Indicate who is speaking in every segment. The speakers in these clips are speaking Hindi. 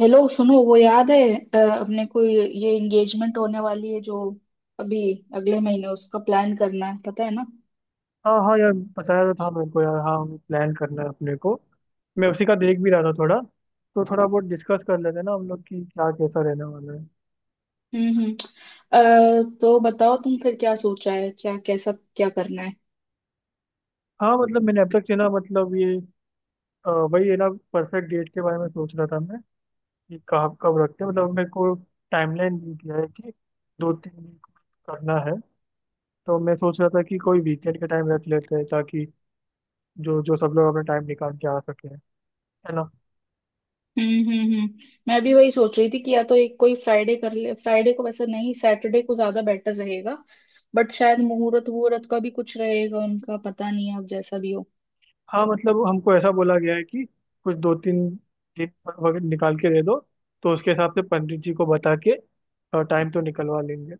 Speaker 1: हेलो, सुनो वो याद है, अपने को ये एंगेजमेंट होने वाली है जो अभी अगले महीने उसका प्लान करना है, पता है ना।
Speaker 2: हाँ हाँ, यार। बताया तो था मेरे को, यार। हाँ हमें प्लान करना है अपने को। मैं उसी का देख भी रहा था थोड़ा। तो थोड़ा बहुत डिस्कस कर लेते हैं ना हम लोग कि क्या कैसा रहने वाला है।
Speaker 1: हम्म, हम्म। तो बताओ, तुम फिर क्या सोचा है, क्या कैसा क्या करना है?
Speaker 2: हाँ मतलब मैंने अब तक से ना मतलब ये वही है ना परफेक्ट डेट के बारे में सोच रहा था मैं कि कब कब रखते हैं, मतलब मेरे को टाइमलाइन दी गया है कि 2 3 वीक करना है। तो मैं सोच रहा था कि कोई वीकेंड के टाइम रख लेते हैं ताकि जो जो सब लोग अपना टाइम निकाल के आ सके है ना।
Speaker 1: हम्म, हम्म, हम्म। मैं भी वही सोच रही थी कि या तो एक कोई फ्राइडे कर ले। फ्राइडे को वैसे नहीं, सैटरडे को ज्यादा बेटर रहेगा। बट शायद मुहूर्त वहूर्त का भी कुछ रहेगा, उनका पता नहीं है, अब जैसा भी हो।
Speaker 2: हाँ मतलब हमको ऐसा बोला गया है कि कुछ 2 3 दिन वगैरह निकाल के दे दो। तो उसके हिसाब से पंडित जी को बता के टाइम तो निकलवा लेंगे।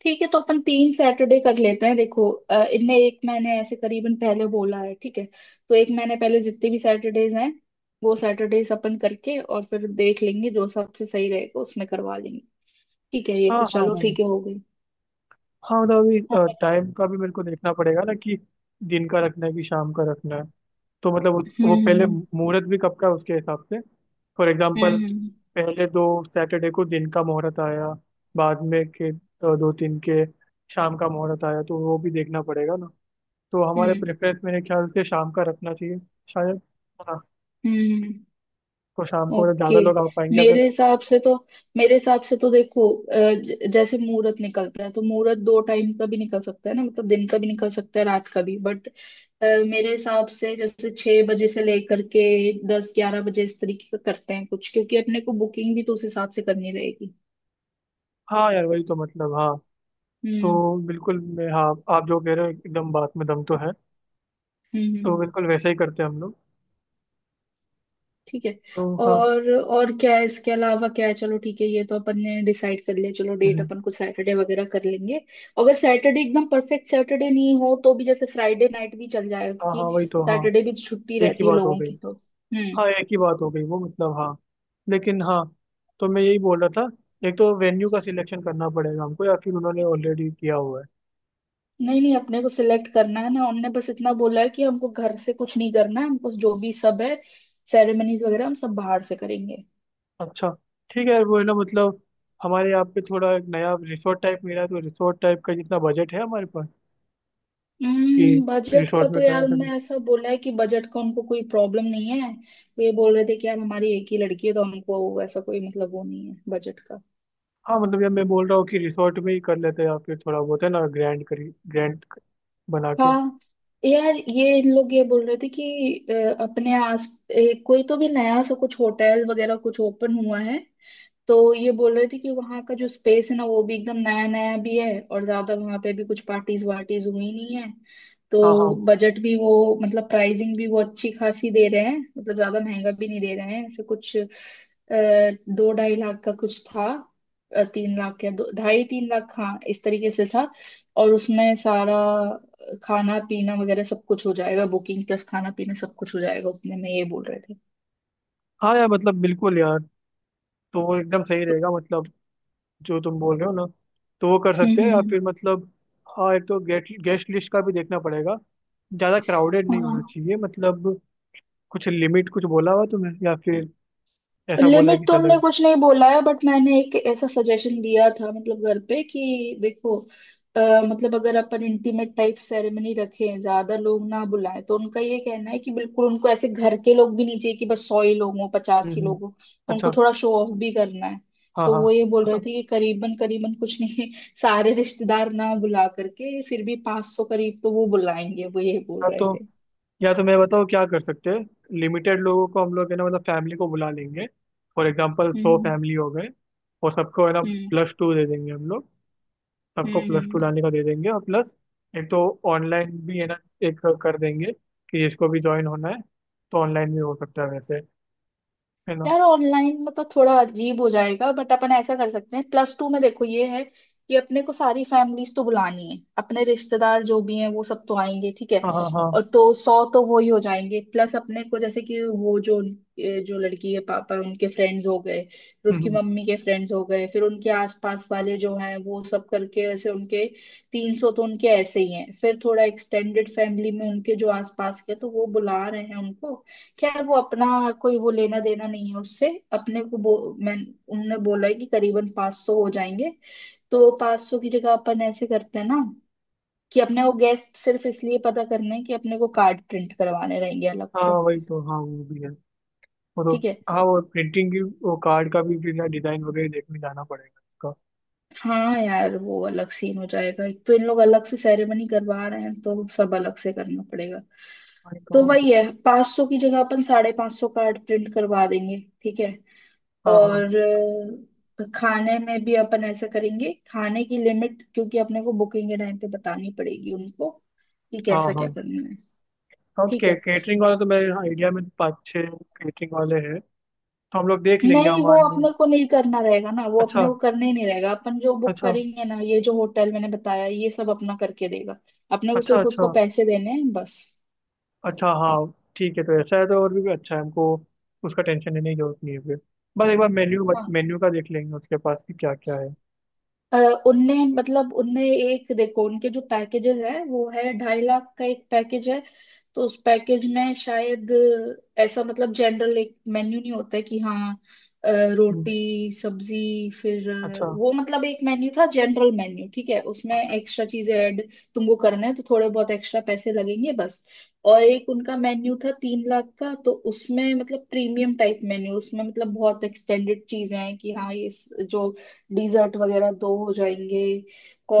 Speaker 1: ठीक है, तो अपन 3 सैटरडे कर लेते हैं। देखो इनने एक मैंने ऐसे करीबन पहले बोला है, ठीक है तो एक महीने पहले जितने भी सैटरडेज हैं वो सैटरडेज अपन करके और फिर देख लेंगे, जो सबसे सही रहेगा उसमें करवा लेंगे। ठीक है, ये
Speaker 2: हाँ
Speaker 1: तो
Speaker 2: हाँ
Speaker 1: चलो
Speaker 2: हाँ।
Speaker 1: ठीक है, हो गई।
Speaker 2: हाँ मतलब अभी
Speaker 1: और-
Speaker 2: टाइम का भी मेरे को देखना पड़ेगा ना कि दिन का रखना है कि शाम का रखना है। तो मतलब वो
Speaker 1: हम्म,
Speaker 2: पहले
Speaker 1: हम्म,
Speaker 2: मुहूर्त भी कब का है उसके हिसाब से। फॉर एग्जाम्पल
Speaker 1: हम्म, हम्म,
Speaker 2: पहले 2 सैटरडे को दिन का मुहूर्त आया, बाद में के दो तीन के शाम का मुहूर्त आया तो वो भी देखना पड़ेगा ना। तो हमारे
Speaker 1: हम्म,
Speaker 2: प्रेफरेंस मेरे ख्याल से शाम का रखना चाहिए शायद। हाँ।
Speaker 1: हम्म,
Speaker 2: तो शाम को मतलब
Speaker 1: ओके।
Speaker 2: ज़्यादा लोग आ पाएंगे अगर।
Speaker 1: मेरे हिसाब से तो, देखो जैसे मुहूर्त निकलता है तो मुहूर्त दो टाइम का भी निकल सकता है ना, मतलब दिन का भी निकल सकता है, रात का भी। बट मेरे हिसाब से जैसे 6 बजे से लेकर के 10-11 बजे इस तरीके का करते हैं कुछ, क्योंकि अपने को बुकिंग भी तो उस हिसाब से करनी रहेगी।
Speaker 2: हाँ यार वही तो मतलब हाँ।
Speaker 1: हम्म,
Speaker 2: तो बिल्कुल मैं हाँ। आप जो कह रहे हो एकदम बात में दम तो है।
Speaker 1: हम्म,
Speaker 2: तो
Speaker 1: हम्म।
Speaker 2: बिल्कुल वैसा ही करते हैं हम लोग।
Speaker 1: ठीक है।
Speaker 2: तो हाँ।
Speaker 1: और क्या है इसके अलावा, क्या है? चलो ठीक है, ये तो अपन ने डिसाइड कर लिया। चलो, डेट
Speaker 2: हम्म।
Speaker 1: अपन को सैटरडे वगैरह कर लेंगे। अगर सैटरडे एकदम परफेक्ट सैटरडे नहीं हो तो भी, जैसे फ्राइडे नाइट भी चल जाएगा,
Speaker 2: हाँ हाँ
Speaker 1: क्योंकि
Speaker 2: वही तो हाँ।
Speaker 1: सैटरडे भी छुट्टी
Speaker 2: एक ही
Speaker 1: रहती है
Speaker 2: बात हो
Speaker 1: लोगों
Speaker 2: गई।
Speaker 1: की। तो हम्म।
Speaker 2: हाँ एक ही बात हो गई वो मतलब हाँ। लेकिन हाँ। तो मैं यही बोल रहा था एक तो वेन्यू का सिलेक्शन करना पड़ेगा हमको या फिर उन्होंने ऑलरेडी किया हुआ है।
Speaker 1: नहीं नहीं, अपने को सिलेक्ट करना है ना। उनने बस इतना बोला है कि हमको घर से कुछ नहीं करना है, हमको जो भी सब है सेरेमनीज वगैरह हम सब बाहर से करेंगे।
Speaker 2: अच्छा। ठीक है यार वो है ना मतलब हमारे यहाँ पे थोड़ा एक नया रिसोर्ट टाइप मिला है, तो रिसोर्ट टाइप का जितना बजट है हमारे पास कि
Speaker 1: हम्म। बजट का
Speaker 2: रिसोर्ट
Speaker 1: तो
Speaker 2: में करा
Speaker 1: यार
Speaker 2: सकें।
Speaker 1: उनने ऐसा बोला है कि बजट का उनको कोई प्रॉब्लम नहीं है। वो ये बोल रहे थे कि यार हमारी एक ही लड़की है तो हमको ऐसा कोई मतलब वो नहीं है बजट का।
Speaker 2: हाँ मतलब यार मैं बोल रहा हूँ कि रिसोर्ट में ही कर लेते हैं या फिर थोड़ा बहुत है ना ग्रैंड करी ग्रैंड बना के।
Speaker 1: हाँ यार, ये इन लोग ये बोल रहे थे कि अपने आस कोई तो भी नया सा कुछ होटल वगैरह कुछ ओपन हुआ है। तो ये बोल रहे थे कि वहां का जो स्पेस है ना, वो भी एकदम नया नया भी है, और ज्यादा वहां पे भी कुछ पार्टीज वार्टीज हुई नहीं है।
Speaker 2: हाँ
Speaker 1: तो
Speaker 2: हाँ।
Speaker 1: बजट भी वो, मतलब प्राइसिंग भी वो अच्छी खासी दे रहे हैं, मतलब ज्यादा महंगा भी नहीं दे रहे हैं। ऐसे कुछ 2-2.5 लाख का कुछ था, तीन लाख या दो ढाई 3 लाख, हाँ इस तरीके से था। और उसमें सारा खाना पीना वगैरह सब कुछ हो जाएगा, बुकिंग प्लस खाना पीना सब कुछ हो जाएगा उतने में, ये बोल रहे थे।
Speaker 2: हाँ यार मतलब बिल्कुल यार। तो वो एकदम सही
Speaker 1: तो
Speaker 2: रहेगा मतलब जो तुम बोल रहे हो ना। तो वो कर
Speaker 1: हम्म,
Speaker 2: सकते हैं
Speaker 1: हम्म,
Speaker 2: या फिर मतलब। हाँ एक तो गेट गेस्ट लिस्ट का भी देखना पड़ेगा। ज़्यादा क्राउडेड नहीं होना
Speaker 1: हाँ,
Speaker 2: चाहिए मतलब। कुछ लिमिट कुछ बोला हुआ तुम्हें या फिर ऐसा बोला है
Speaker 1: लिमिट
Speaker 2: कि
Speaker 1: तो उनने
Speaker 2: चलेगा।
Speaker 1: कुछ नहीं बोला है, बट मैंने एक ऐसा सजेशन दिया था मतलब घर पे कि देखो, अ, मतलब अगर अपन इंटीमेट टाइप सेरेमनी रखें, ज्यादा लोग ना बुलाएं। तो उनका ये कहना है कि बिल्कुल उनको ऐसे घर के लोग भी नहीं चाहिए कि बस 100 ही लोग हों, 50 ही
Speaker 2: हम्म।
Speaker 1: लोग हों। उनको
Speaker 2: अच्छा।
Speaker 1: थोड़ा शो ऑफ भी करना है।
Speaker 2: हाँ
Speaker 1: तो
Speaker 2: हाँ
Speaker 1: वो ये बोल रहे थे कि करीबन करीबन कुछ नहीं सारे रिश्तेदार ना बुला करके फिर भी 500 करीब तो वो बुलाएंगे, वो ये बोल
Speaker 2: हाँ
Speaker 1: रहे
Speaker 2: तो
Speaker 1: थे।
Speaker 2: या तो मैं बताऊँ क्या कर सकते हैं। लिमिटेड लोगों को हम लोग है ना मतलब फैमिली को बुला लेंगे। फॉर एग्जांपल सौ
Speaker 1: हम्म,
Speaker 2: फैमिली हो गए। और सबको है ना
Speaker 1: हम्म,
Speaker 2: प्लस टू दे देंगे हम लोग। सबको
Speaker 1: हम्म,
Speaker 2: प्लस टू
Speaker 1: हम्म।
Speaker 2: डालने का दे देंगे और प्लस एक तो ऑनलाइन भी है ना एक कर देंगे कि जिसको भी ज्वाइन होना है तो ऑनलाइन भी हो सकता है वैसे है ना।
Speaker 1: यार, ऑनलाइन मतलब थोड़ा अजीब हो जाएगा, बट अपन ऐसा कर सकते हैं, प्लस टू में। देखो ये है कि अपने को सारी फैमिलीज तो बुलानी है, अपने रिश्तेदार जो भी हैं वो सब तो आएंगे ठीक है,
Speaker 2: हाँ हाँ हाँ।
Speaker 1: और तो 100 तो वो ही हो जाएंगे। प्लस अपने को जैसे कि वो जो जो लड़की है, पापा उनके फ्रेंड्स हो गए, फिर उसकी
Speaker 2: हम्म।
Speaker 1: मम्मी के फ्रेंड्स हो गए, फिर उनके आसपास वाले जो हैं वो सब करके, ऐसे उनके 300 तो उनके ऐसे ही हैं। फिर थोड़ा एक्सटेंडेड फैमिली में उनके जो आसपास के तो वो बुला रहे हैं उनको। क्या है, वो अपना कोई वो लेना देना नहीं है उससे। अपने को मैं, उनने बोला है कि करीबन 500 सौ हो जाएंगे। तो 500 सौ की जगह अपन ऐसे करते हैं ना, कि अपने को गेस्ट सिर्फ इसलिए पता करने हैं कि अपने को कार्ड प्रिंट करवाने रहेंगे अलग
Speaker 2: हाँ
Speaker 1: से,
Speaker 2: वही तो हाँ वो भी है वो तो।
Speaker 1: ठीक है।
Speaker 2: हाँ वो प्रिंटिंग की, वो कार्ड का भी डिजाइन वगैरह देखने जाना पड़ेगा उसका।
Speaker 1: हाँ यार, वो अलग सीन हो जाएगा, एक तो इन लोग अलग से सेरेमनी करवा रहे हैं तो सब अलग से करना पड़ेगा।
Speaker 2: वही तो
Speaker 1: तो वही है, 500 की जगह अपन साढ़े 500 कार्ड प्रिंट करवा देंगे, ठीक है।
Speaker 2: हाँ हाँ
Speaker 1: और खाने में भी अपन ऐसा करेंगे, खाने की लिमिट, क्योंकि अपने को बुकिंग के टाइम पे बतानी पड़ेगी उनको कि
Speaker 2: हाँ
Speaker 1: कैसा क्या
Speaker 2: हाँ
Speaker 1: करना है।
Speaker 2: हाँ। तो
Speaker 1: ठीक है,
Speaker 2: केटरिंग वाले तो मेरे आइडिया में पाँच छः केटरिंग वाले हैं। तो हम लोग देख लेंगे
Speaker 1: नहीं वो
Speaker 2: हमारे।
Speaker 1: अपने को नहीं करना रहेगा ना, वो अपने
Speaker 2: अच्छा
Speaker 1: को करना ही नहीं रहेगा। अपन जो बुक
Speaker 2: अच्छा
Speaker 1: करेंगे ना ये जो होटल मैंने बताया ये सब अपना करके देगा। अपने को
Speaker 2: अच्छा
Speaker 1: सिर्फ उसको
Speaker 2: अच्छा
Speaker 1: पैसे देने हैं बस।
Speaker 2: अच्छा हाँ। ठीक है तो ऐसा है तो और भी अच्छा है हमको। उसका टेंशन लेने की जरूरत नहीं है फिर। बस एक बार मेन्यू मेन्यू का देख लेंगे उसके पास कि क्या क्या है।
Speaker 1: अ, उनने मतलब उनने एक देखो उनके जो पैकेजेस है, वो है 2.5 लाख का एक पैकेज है। तो उस पैकेज में शायद ऐसा मतलब जनरल एक मेन्यू नहीं होता है कि हाँ, अ,
Speaker 2: हम्म,
Speaker 1: रोटी सब्जी, फिर
Speaker 2: अच्छा।
Speaker 1: वो मतलब एक मेन्यू था, जनरल मेन्यू ठीक है, उसमें
Speaker 2: ओके।
Speaker 1: एक्स्ट्रा चीजें ऐड तुमको करना है तो थोड़े बहुत एक्स्ट्रा पैसे लगेंगे बस। और एक उनका मेन्यू था 3 लाख का, तो उसमें मतलब प्रीमियम टाइप मेन्यू, उसमें मतलब बहुत एक्सटेंडेड चीजें हैं कि हाँ ये जो डिजर्ट वगैरह दो हो जाएंगे,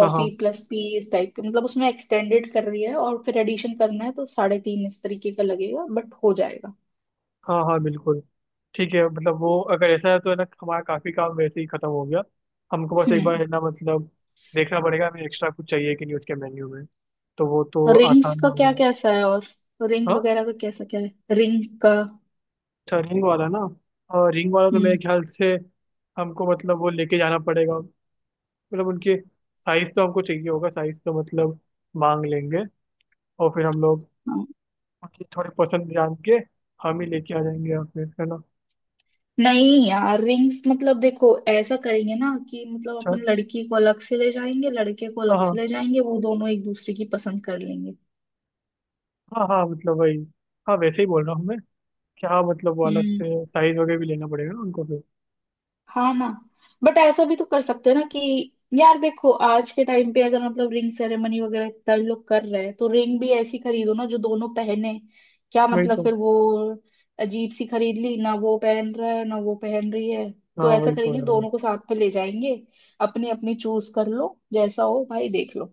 Speaker 2: हाँ हाँ
Speaker 1: प्लस पी इस टाइप के, मतलब उसमें एक्सटेंडेड कर रही है, और फिर एडिशन करना है तो साढ़े तीन इस तरीके का लगेगा, बट हो जाएगा।
Speaker 2: हाँ हाँ बिल्कुल। ठीक है मतलब वो अगर ऐसा है तो है ना हमारा काफी काम वैसे ही खत्म हो गया। हमको बस एक बार
Speaker 1: हम्म,
Speaker 2: है ना मतलब देखना पड़ेगा हमें एक्स्ट्रा कुछ चाहिए कि नहीं उसके मेन्यू में। तो वो तो
Speaker 1: रिंग्स
Speaker 2: आसान
Speaker 1: का
Speaker 2: हो
Speaker 1: क्या
Speaker 2: जाए।
Speaker 1: कैसा है, और रिंग
Speaker 2: हाँ।
Speaker 1: वगैरह का कैसा क्या है, रिंग का?
Speaker 2: अच्छा रिंग वाला ना। और रिंग वाला तो मेरे
Speaker 1: हम्म,
Speaker 2: ख्याल से हमको मतलब वो लेके जाना पड़ेगा, मतलब उनके साइज तो हमको चाहिए होगा। साइज तो मतलब मांग लेंगे। और फिर हम लोग
Speaker 1: हाँ।
Speaker 2: उनकी थोड़ी पसंद जान के हम ही लेके आ जाएंगे या फिर है ना।
Speaker 1: नहीं यार, रिंग्स मतलब देखो ऐसा करेंगे ना कि मतलब
Speaker 2: अच्छा
Speaker 1: अपन लड़की को अलग से ले जाएंगे, लड़के को
Speaker 2: हाँ
Speaker 1: अलग से
Speaker 2: हाँ।
Speaker 1: ले जाएंगे, वो दोनों एक दूसरे की पसंद कर लेंगे।
Speaker 2: हाँ हाँ मतलब वही। हाँ वैसे ही बोल रहा हूँ मैं, क्या मतलब वो अलग
Speaker 1: हम्म,
Speaker 2: से साइज वगैरह भी लेना पड़ेगा ना उनको फिर।
Speaker 1: हाँ ना। बट ऐसा भी तो कर सकते हैं ना, कि यार देखो आज के टाइम पे अगर मतलब रिंग सेरेमनी वगैरह इतना लोग कर रहे हैं तो रिंग भी ऐसी खरीदो ना जो दोनों पहने। क्या
Speaker 2: वही
Speaker 1: मतलब
Speaker 2: तो
Speaker 1: फिर वो अजीब सी खरीद ली ना, वो पहन रहा है ना वो पहन रही है।
Speaker 2: हाँ
Speaker 1: तो ऐसा
Speaker 2: वही तो
Speaker 1: करेंगे,
Speaker 2: यार।
Speaker 1: दोनों को साथ में ले जाएंगे, अपनी अपनी चूज कर लो जैसा हो भाई देख लो।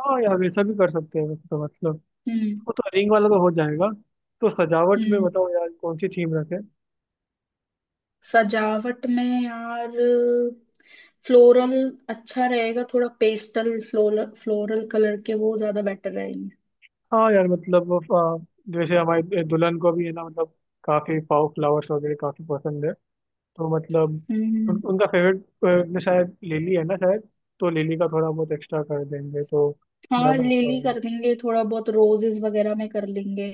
Speaker 2: हाँ यार वैसा भी कर सकते हैं वैसे तो मतलब।
Speaker 1: हम्म,
Speaker 2: वो तो रिंग वाला तो हो जाएगा। तो सजावट में
Speaker 1: हम्म।
Speaker 2: बताओ यार कौन सी थीम रखें।
Speaker 1: सजावट में यार फ्लोरल अच्छा रहेगा, थोड़ा पेस्टल फ्लोरल, कलर के वो ज्यादा बेटर रहेंगे।
Speaker 2: हाँ यार मतलब जैसे हमारी दुल्हन को भी है ना मतलब काफी फाव फ्लावर्स वगैरह काफी पसंद है। तो मतलब
Speaker 1: हम्म।
Speaker 2: उनका फेवरेट में शायद लिली है ना शायद। तो लिली का थोड़ा बहुत एक्स्ट्रा कर देंगे तो
Speaker 1: हाँ
Speaker 2: ज्यादा अच्छा
Speaker 1: लिली
Speaker 2: होगा।
Speaker 1: कर लेंगे, थोड़ा बहुत रोजेस वगैरह में कर लेंगे।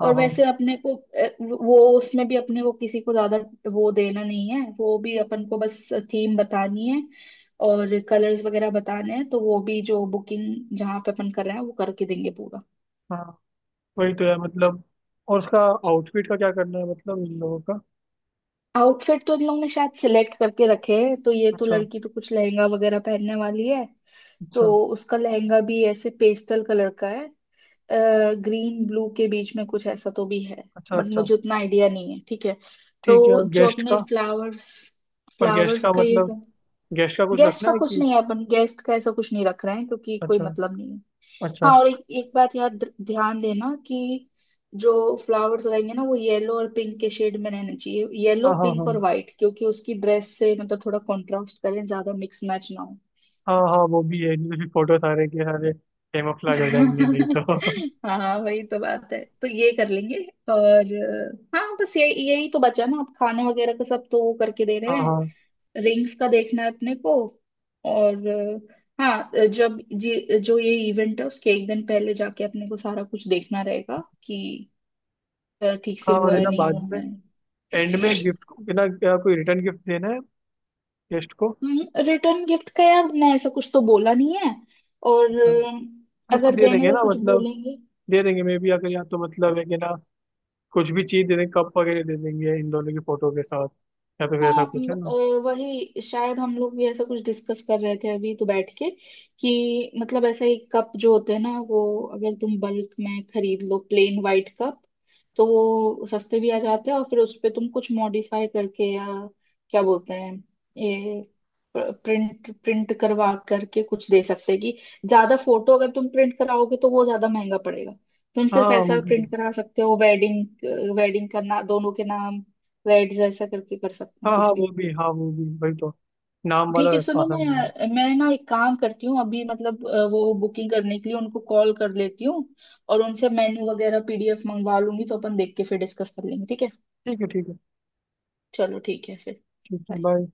Speaker 2: हाँ
Speaker 1: और
Speaker 2: हाँ
Speaker 1: वैसे अपने को वो उसमें भी अपने को किसी को ज्यादा वो देना नहीं है, वो भी अपन को बस थीम बतानी है और कलर्स वगैरह बताने हैं। तो वो भी जो बुकिंग जहाँ पे अपन कर रहे हैं वो करके देंगे पूरा।
Speaker 2: हाँ। वही तो यार मतलब। और उसका आउटफिट का क्या करना है मतलब इन लोगों का।
Speaker 1: आउटफिट तो इन लोग ने शायद सिलेक्ट करके रखे हैं, तो ये तो
Speaker 2: अच्छा
Speaker 1: लड़की तो कुछ लहंगा वगैरह पहनने वाली है। तो
Speaker 2: अच्छा
Speaker 1: उसका लहंगा भी ऐसे पेस्टल कलर का है, ग्रीन ब्लू के बीच में कुछ ऐसा तो भी है,
Speaker 2: अच्छा
Speaker 1: बट
Speaker 2: अच्छा।
Speaker 1: मुझे उतना आइडिया नहीं है ठीक है।
Speaker 2: ठीक है।
Speaker 1: तो जो
Speaker 2: गेस्ट
Speaker 1: अपने
Speaker 2: का
Speaker 1: फ्लावर्स,
Speaker 2: पर गेस्ट का
Speaker 1: का ये
Speaker 2: मतलब
Speaker 1: तो,
Speaker 2: गेस्ट का कुछ
Speaker 1: गेस्ट
Speaker 2: रखना
Speaker 1: का
Speaker 2: है
Speaker 1: कुछ
Speaker 2: कि।
Speaker 1: नहीं है, अपन गेस्ट का ऐसा कुछ नहीं रख रहे हैं क्योंकि कोई
Speaker 2: अच्छा
Speaker 1: मतलब नहीं है।
Speaker 2: अच्छा।
Speaker 1: हाँ और एक बात याद ध्यान देना कि जो फ्लावर्स रहेंगे ना वो येलो और पिंक के शेड में रहने चाहिए, येलो
Speaker 2: हाँ हाँ हाँ
Speaker 1: पिंक और व्हाइट, क्योंकि उसकी ड्रेस से मतलब थोड़ा कॉन्ट्रास्ट करें, ज्यादा मिक्स मैच ना हो।
Speaker 2: हाँ हाँ। वो भी है नहीं तो फिर फोटो सारे के सारे कैमोफ्लेज हो जाएंगे नहीं तो
Speaker 1: हाँ वही तो बात है, तो ये कर लेंगे। और हाँ, बस ये यही तो बचा ना, आप खाने वगैरह का सब तो वो करके दे रहे
Speaker 2: हाँ
Speaker 1: हैं।
Speaker 2: हाँ
Speaker 1: रिंग्स का देखना है अपने को। और हाँ, जब जी जो ये इवेंट है उसके एक दिन पहले जाके अपने को सारा कुछ देखना रहेगा कि ठीक से
Speaker 2: हाँ। और
Speaker 1: हुआ
Speaker 2: है
Speaker 1: है
Speaker 2: ना
Speaker 1: नहीं
Speaker 2: बाद
Speaker 1: हुआ
Speaker 2: में
Speaker 1: है।
Speaker 2: एंड में गिफ्ट को है ना क्या कोई रिटर्न गिफ्ट देना है गेस्ट को।
Speaker 1: रिटर्न गिफ्ट का यार ना ऐसा कुछ तो बोला नहीं है। और
Speaker 2: अच्छा। मतलब कुछ
Speaker 1: अगर
Speaker 2: दे
Speaker 1: देने
Speaker 2: देंगे
Speaker 1: का
Speaker 2: ना
Speaker 1: कुछ
Speaker 2: मतलब
Speaker 1: बोलेंगे।
Speaker 2: दे देंगे मे बी अगर या तो मतलब है कि ना कुछ भी चीज दे देंगे कप वगैरह दे देंगे इन दोनों की फोटो के साथ या तो फिर ऐसा
Speaker 1: हाँ
Speaker 2: कुछ है ना।
Speaker 1: वही शायद हम लोग भी ऐसा कुछ डिस्कस कर रहे थे अभी तो बैठ के, कि मतलब ऐसा ही कप जो होते हैं ना वो अगर तुम बल्क में खरीद लो प्लेन वाइट कप तो वो सस्ते भी आ जाते हैं, और फिर उस पे तुम कुछ मॉडिफाई करके या क्या बोलते हैं ये प्रिंट प्रिंट करवा करके कुछ दे सकते हैं, कि ज्यादा फोटो अगर तुम प्रिंट कराओगे तो वो ज्यादा महंगा पड़ेगा। तुम सिर्फ
Speaker 2: हाँ वो
Speaker 1: ऐसा
Speaker 2: भी
Speaker 1: प्रिंट करा सकते हो, वेडिंग वेडिंग का ना, दोनों के नाम वेट जैसा करके कर सकते हैं
Speaker 2: हाँ
Speaker 1: कुछ भी।
Speaker 2: हाँ वो भी वही तो नाम वाला।
Speaker 1: ठीक है, सुनो ना
Speaker 2: आसान है।
Speaker 1: यार, मैं ना एक काम करती हूँ अभी मतलब वो बुकिंग करने के लिए उनको कॉल कर लेती हूँ, और उनसे मेन्यू वगैरह पीडीएफ मंगवा लूंगी, तो अपन देख के फिर डिस्कस कर लेंगे, ठीक है।
Speaker 2: ठीक है ठीक है।
Speaker 1: चलो ठीक है फिर।
Speaker 2: ठीक है
Speaker 1: Bye.
Speaker 2: बाय।